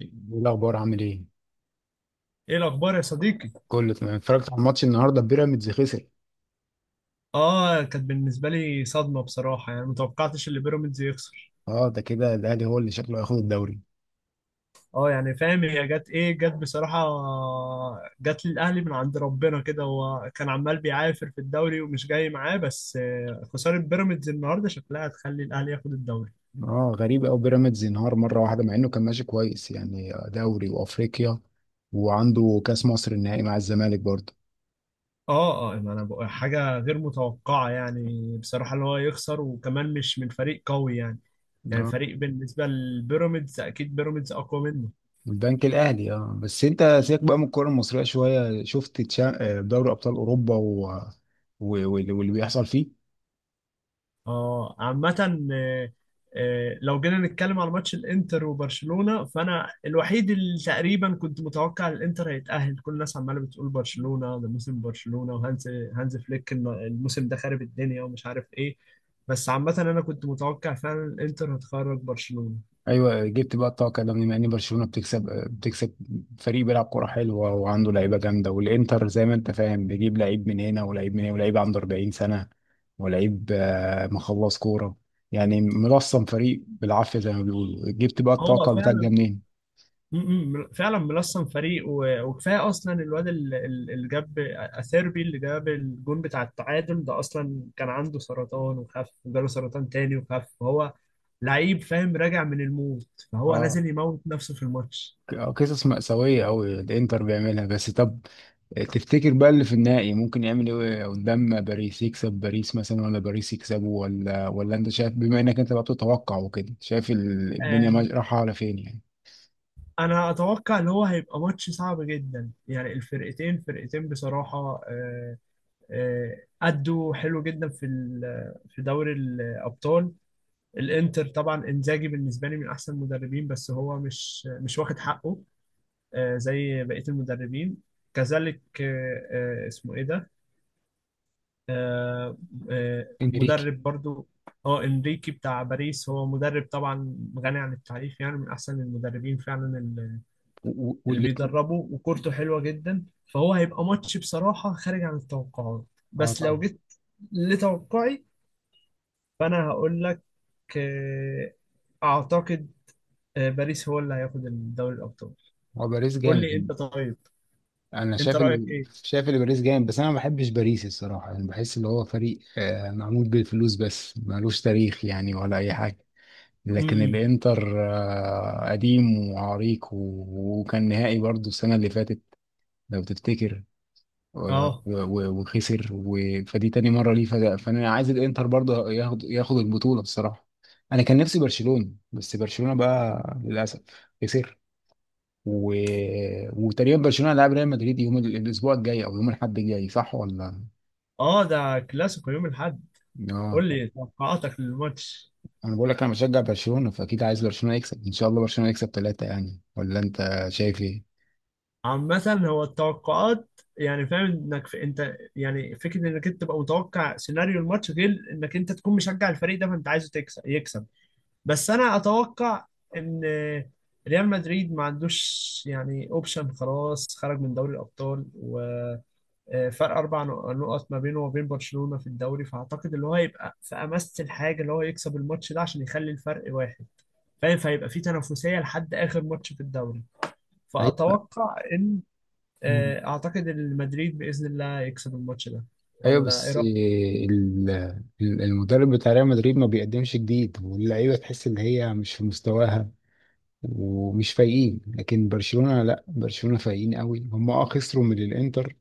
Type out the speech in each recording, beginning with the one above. ايه الاخبار؟ عامل ايه؟ ايه الاخبار يا صديقي؟ كله تمام. اتفرجت على الماتش النهارده، بيراميدز خسر. اه، كانت بالنسبه لي صدمه بصراحه، يعني متوقعتش اللي بيراميدز يخسر. اه، ده كده الاهلي هو اللي شكله هياخد الدوري. اه، يعني فاهم، هي جت ايه؟ جت بصراحه، جت للاهلي من عند ربنا كده. هو كان عمال بيعافر في الدوري ومش جاي معاه، بس خساره بيراميدز النهارده شكلها هتخلي الاهلي ياخد الدوري. اه غريب قوي بيراميدز ينهار مره واحده مع انه كان ماشي كويس، يعني دوري وافريقيا وعنده كاس مصر النهائي مع الزمالك برضه. اه اه، يعني انا بقول حاجه غير متوقعه، يعني بصراحه اللي هو يخسر، وكمان مش من فريق قوي، يعني يعني اه فريق بالنسبه لبيراميدز، اكيد بيراميدز اقوى منه. البنك الاهلي. اه بس انت سيبك بقى من الكوره المصريه شويه. شفت دوري ابطال اوروبا و واللي بيحصل فيه؟ اه، عامة. آه، لو جينا نتكلم على ماتش الانتر وبرشلونة، فانا الوحيد اللي تقريبا كنت متوقع الانتر هيتأهل. كل الناس عمالة بتقول برشلونة، ده موسم برشلونة، وهانز هانز فليك، الموسم ده خارب الدنيا ومش عارف ايه. بس عامة انا كنت متوقع فعلا الانتر هتخرج برشلونة. ايوه، جبت بقى الطاقه ده. بما ان برشلونه بتكسب، فريق بيلعب كوره حلوه وعنده لعيبه جامده. والانتر زي ما انت فاهم بيجيب لعيب من هنا ولعيب من هنا ولعيب عنده 40 سنه ولعيب مخلص كوره، يعني ملصم فريق بالعافيه زي ما بيقولوا. جبت بقى هو الطاقه بتاعك ده فعلا، منين؟ م- فعلا ملصم فريق، وكفايه. اصلا الواد اللي جاب اثيربي، اللي جاب الجون بتاع التعادل ده، اصلا كان عنده سرطان وخف، وجاله سرطان تاني وخف، فهو لعيب فاهم، راجع من الموت، فهو اه، نازل يموت نفسه في الماتش. قصص مأساويه قوي الانتر بيعملها. بس طب تفتكر بقى اللي في النهائي ممكن يعمل ايه قدام باريس؟ يكسب باريس مثلا ولا باريس يكسبه؟ ولا انت شايف، بما انك انت بقى بتتوقع وكده، شايف الدنيا آه، رايحه على فين يعني؟ انا اتوقع ان هو هيبقى ماتش صعب جدا، يعني الفرقتين فرقتين بصراحه. آه، آه، أدوا حلو جدا في في دوري الأبطال. الانتر طبعا انزاجي بالنسبه لي من احسن المدربين، بس هو مش واخد حقه زي بقيه المدربين. كذلك اسمه ايه ده؟ آه، انريكي. مدرب برضو. اه، انريكي بتاع باريس، هو مدرب طبعا غني عن التعريف، يعني من احسن المدربين فعلا، اللي و- و- اللي واللي بيدربوا، وكورته حلوه جدا، فهو هيبقى ماتش بصراحه خارج عن التوقعات. اه بس لو طبعا. جيت لتوقعي، فانا هقول لك، آه، اعتقد باريس هو اللي هياخد دوري الابطال. هو باريس قول جامد. لي انت طيب، انا انت شايف رايك ايه؟ شايف اللي باريس جامد، بس انا ما بحبش باريس الصراحه، يعني بحس اللي هو فريق معمول بالفلوس بس ملوش تاريخ يعني ولا اي حاجه. لكن امم. الانتر قديم وعريق و وكان نهائي برضو السنه اللي فاتت، لو تفتكر، و- اه و- وخسر فدي تاني مرة ليه، فأنا عايز الإنتر برضه ياخد ياخد البطولة بصراحة. أنا كان نفسي برشلونة، بس برشلونة بقى للأسف خسر، و... وتقريبا برشلونة هيلاعب ريال مدريد يوم الأسبوع الجاي، أو يوم الأحد الجاي، صح ولا؟ اه، ده كلاسيكو يوم الاحد. آه قول طب. لي توقعاتك للماتش. أنا بقول لك، أنا بشجع برشلونة فأكيد عايز برشلونة يكسب، إن شاء الله برشلونة يكسب 3، يعني ولا أنت شايف إيه؟ عامة، هو التوقعات يعني فاهم انك في، انت يعني فكرة انك انت تبقى متوقع سيناريو الماتش غير انك انت تكون مشجع الفريق ده، فانت عايزه تكسب يكسب. بس انا اتوقع ان ريال مدريد ما عندوش يعني اوبشن، خلاص خرج من دوري الابطال، و فرق اربع نقط ما بينه وبين برشلونة في الدوري، فاعتقد اللي هو هيبقى في امس الحاجه اللي هو يكسب الماتش ده عشان يخلي الفرق واحد، فاهم؟ فهيبقى في تنافسيه لحد اخر ماتش في الدوري. أيوة. فاتوقع ان اعتقد ان مدريد باذن الله يكسب الماتش ده، ايوه ولا ايه بس رايك؟ المدرب بتاع ريال مدريد ما بيقدمش جديد، واللعيبه تحس ان هي مش في مستواها ومش فايقين. لكن برشلونه لا، برشلونه فايقين قوي. هم اه خسروا من الانتر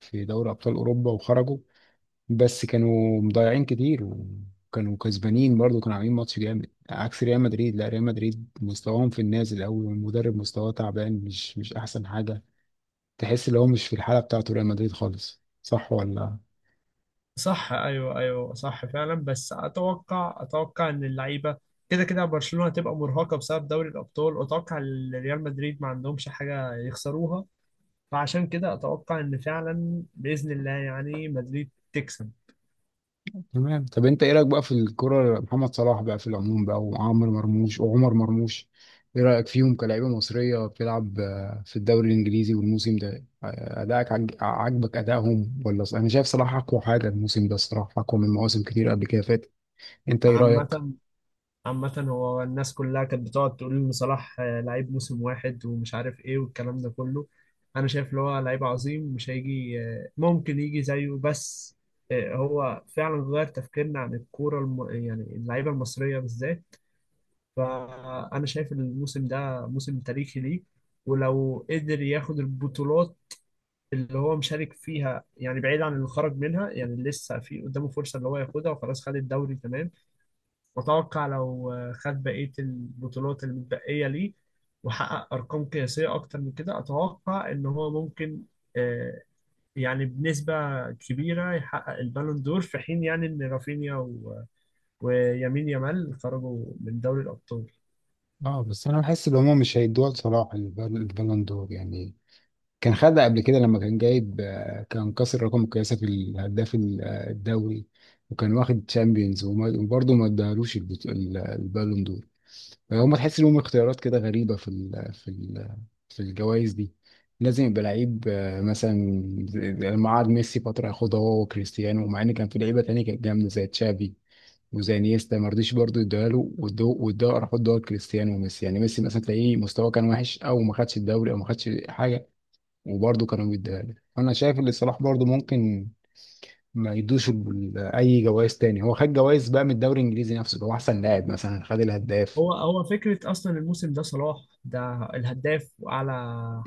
في دوري ابطال اوروبا وخرجوا، بس كانوا مضيعين كتير وكانوا كسبانين برضه، كانوا عاملين ماتش جامد. عكس ريال مدريد، لا ريال مدريد مستواهم في النازل قوي، والمدرب مستواه تعبان، مش احسن حاجه. تحس ان هو مش في الحاله بتاعته ريال مدريد خالص، صح ولا؟ صح، ايوه ايوه، صح فعلا. بس اتوقع ان اللعيبه كده كده، برشلونه هتبقى مرهقه بسبب دوري الابطال، واتوقع إن ريال مدريد ما عندهمش حاجه يخسروها، فعشان كده اتوقع ان فعلا باذن الله يعني مدريد تكسب. تمام. طب انت ايه رايك بقى في الكرة؟ محمد صلاح بقى في العموم بقى، وعمرو مرموش وعمر مرموش، ايه رايك فيهم كلاعيبه مصريه بتلعب في الدوري الانجليزي؟ والموسم ده ادائك عاجبك ادائهم؟ ولا انا شايف صلاح اقوى حاجه الموسم ده الصراحه، اقوى من مواسم كتير قبل كده فاتت. انت ايه رايك؟ عامه عامه هو الناس كلها كانت بتقعد تقول ان صلاح لعيب موسم واحد، ومش عارف ايه والكلام ده كله. انا شايف ان هو لعيب عظيم، مش هيجي ممكن يجي زيه. بس هو فعلا غير تفكيرنا عن الكوره يعني اللعيبه المصريه بالذات. فانا شايف ان الموسم ده موسم تاريخي ليه. ولو قدر ياخد البطولات اللي هو مشارك فيها، يعني بعيد عن اللي خرج منها، يعني لسه في قدامه فرصة اللي هو ياخدها، وخلاص خد الدوري تمام. وأتوقع لو خد بقية البطولات المتبقية ليه، وحقق أرقام قياسية أكتر من كده، أتوقع إن هو ممكن آه، يعني بنسبة كبيرة يحقق البالون دور، في حين يعني إن رافينيا ويمين يامال خرجوا من دوري الأبطال. اه بس انا بحس ان هم مش هيدوها لصلاح البالون دور يعني. كان خدها قبل كده لما كان جايب كان كسر رقم القياسي في الهداف الدوري، وكان واخد تشامبيونز، وبرضه ما ادالوش البالون دور. فهم تحس لهم اختيارات كده غريبة في الجوائز دي. لازم يبقى لعيب مثلا زي لما قعد ميسي فترة ياخدها هو وكريستيانو، ومع ان كان في لعيبة تانية كانت جامدة زي تشافي وزي نيستا، ما رضيش برضه يديها له، وادوه راح ادوها لكريستيانو وميسي. يعني ميسي مثلا تلاقيه مستواه كان وحش او ما خدش الدوري او ما خدش حاجة، وبرضه كانوا بيديها لي. انا شايف ان صلاح برضه ممكن ما يدوش اي جوائز تاني. هو خد جوائز بقى من الدوري الانجليزي نفسه، اللي هو احسن لاعب مثلا، خد الهداف. هو فكرة أصلا الموسم ده صلاح ده الهداف وأعلى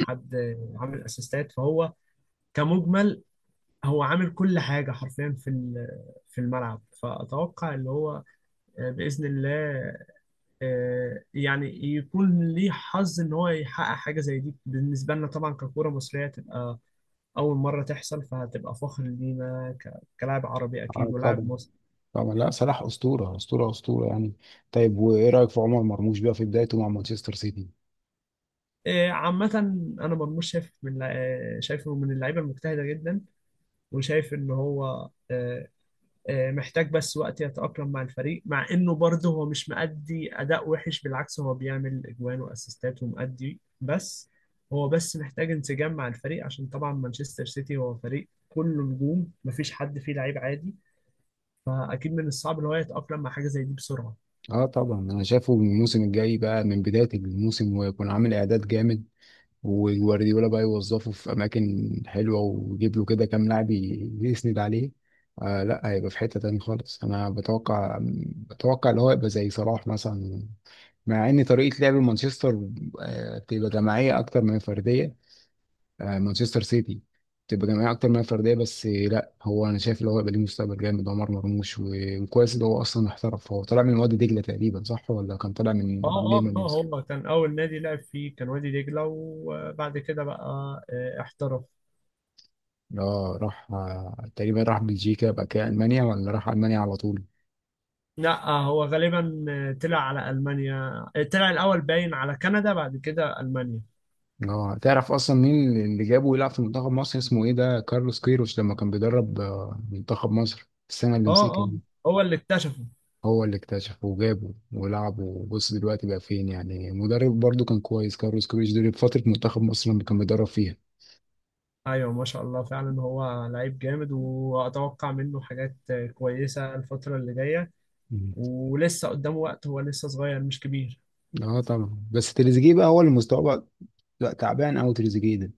حد عامل أسيستات، فهو كمجمل هو عامل كل حاجة حرفيا في في الملعب. فأتوقع اللي هو بإذن الله يعني يكون ليه حظ إن هو يحقق حاجة زي دي. بالنسبة لنا طبعا ككورة مصرية، تبقى أول مرة تحصل، فهتبقى فخر لينا كلاعب عربي أكيد، آه ولاعب طبعا. مصري. طبعا لا، صلاح اسطوره اسطوره اسطوره يعني. طيب وايه رايك في عمر مرموش بقى في بدايته مع مانشستر سيتي؟ عامة، أنا مرموش شايف من، شايفه من اللعيبة المجتهدة جدا، وشايف إن هو محتاج بس وقت يتأقلم مع الفريق، مع انه برضه هو مش مأدي اداء وحش، بالعكس هو بيعمل اجوان واسيستات ومأدي، بس هو بس محتاج انسجام مع الفريق، عشان طبعا مانشستر سيتي هو فريق كله نجوم، مفيش حد فيه لعيب عادي، فاكيد من الصعب ان هو يتأقلم مع حاجة زي دي بسرعة. اه طبعا، انا شايفه الموسم الجاي بقى من بدايه الموسم، ويكون عامل اعداد جامد، وجوارديولا بقى يوظفه في اماكن حلوه، ويجيب له كده كام لاعب يسند عليه. آه لا، هيبقى في حته تاني خالص انا بتوقع. بتوقع اللي هو يبقى زي صلاح مثلا. مع ان طريقه لعب مانشستر آه بتبقى جماعيه اكتر من فرديه، آه مانشستر سيتي بتبقى جماعيه اكتر من فرديه، بس لا هو انا شايف اللي هو يبقى ليه مستقبل جامد عمر مرموش. وكويس اللي هو اصلا احترف، هو طالع من وادي دجله تقريبا، صح ولا؟ كان طالع من اه ليه؟ اه من اه، مصر؟ هو كان اول نادي لعب فيه كان وادي دجلة، وبعد كده بقى احترف. اه راح تقريبا راح بلجيكا بقى كده المانيا، ولا راح المانيا على طول؟ لا، هو غالبا طلع على المانيا. طلع الاول باين على كندا، بعد كده المانيا. اه تعرف اصلا مين اللي جابه يلعب في منتخب مصر؟ اسمه ايه ده، كارلوس كيروش، لما كان بيدرب منتخب مصر السنه اللي اه مسكها اه، دي. هو اللي اكتشفه. هو اللي اكتشفه وجابه ولعبه، وبص دلوقتي بقى فين؟ يعني مدرب برضو كان كويس، كارلوس كيروش دي فتره منتخب مصر لما كان بيدرب فيها. ايوه، ما شاء الله، فعلا هو لعيب جامد، واتوقع منه حاجات كويسه الفتره اللي جايه. مم. ولسه قدامه وقت، هو لسه صغير مش كبير. اه طبعا. بس تريزيجيه بقى هو اللي مستواه بقى لا، تعبان قوي تريزيجيه ده،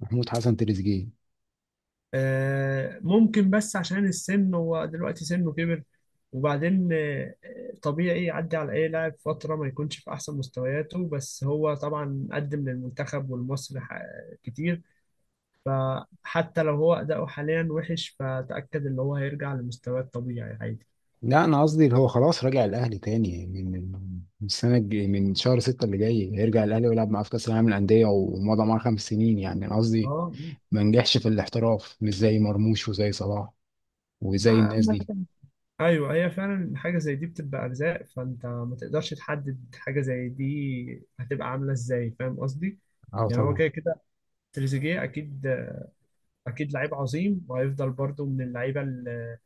محمود حسن تريزيجيه. ممكن، بس عشان السن هو دلوقتي سنه كبر. وبعدين طبيعي يعدي على اي لاعب فتره ما يكونش في احسن مستوياته، بس هو طبعا قدم للمنتخب والمصري كتير، فحتى لو هو اداؤه حاليا وحش، فتاكد ان هو هيرجع لمستواه الطبيعي عادي. لا انا قصدي اللي هو خلاص راجع الاهلي تاني، من السنه من شهر 6 اللي جاي هيرجع الاهلي ويلعب معاه في كاس العالم للانديه، ومضى معاه 5 سنين يعني. انا قصدي اه، ما نجحش في الاحتراف مش زي مرموش وزي صلاح وزي الناس عامة، دي. ايوه هي فعلا حاجه زي دي بتبقى ارزاق، فانت ما تقدرش تحدد حاجه زي دي هتبقى عامله ازاي، فاهم قصدي؟ اه يعني هو طبعا. كده كده تريزيجيه اكيد، اكيد لعيب عظيم، وهيفضل برضو من اللعيبه اللي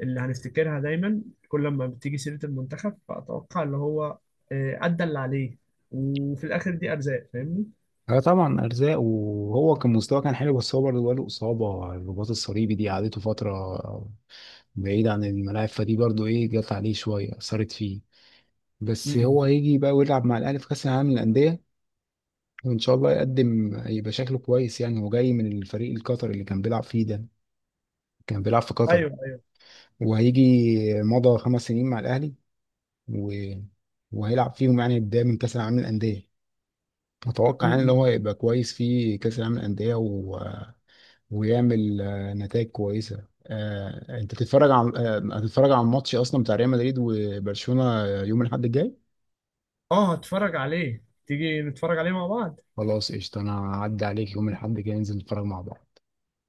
اللي هنفتكرها دايما كل ما بتيجي سيره المنتخب. فاتوقع اللي هو ادى اللي عليه، وفي الاخر دي ارزاق، فاهمني؟ اه طبعا ارزاق. وهو كان مستواه كان حلو، بس هو برضه جاله اصابه الرباط الصليبي دي، قعدته فتره بعيد عن الملاعب، فدي برضه ايه جت عليه شويه اثرت فيه. بس م-م. هو هيجي بقى ويلعب مع الاهلي في كاس العالم للانديه. ان شاء الله يقدم يبقى شكله كويس يعني. هو جاي من الفريق القطري اللي كان بيلعب فيه ده، كان بيلعب في قطر، ايوه ايوه. وهيجي مضى 5 سنين مع الاهلي، و... وهيلعب فيهم يعني بدايه من كاس العالم للانديه. م- اتوقع يعني ان م. هو هيبقى كويس في كاس العالم للانديه، ويعمل نتائج كويسه. انت تتفرج على هتتفرج على الماتش اصلا بتاع ريال مدريد وبرشلونه يوم الاحد الجاي؟ اه، هتفرج عليه؟ تيجي نتفرج عليه مع بعض. خلاص قشطه، انا هعدي عليك يوم الاحد الجاي ننزل نتفرج مع بعض.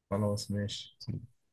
خلاص ماشي.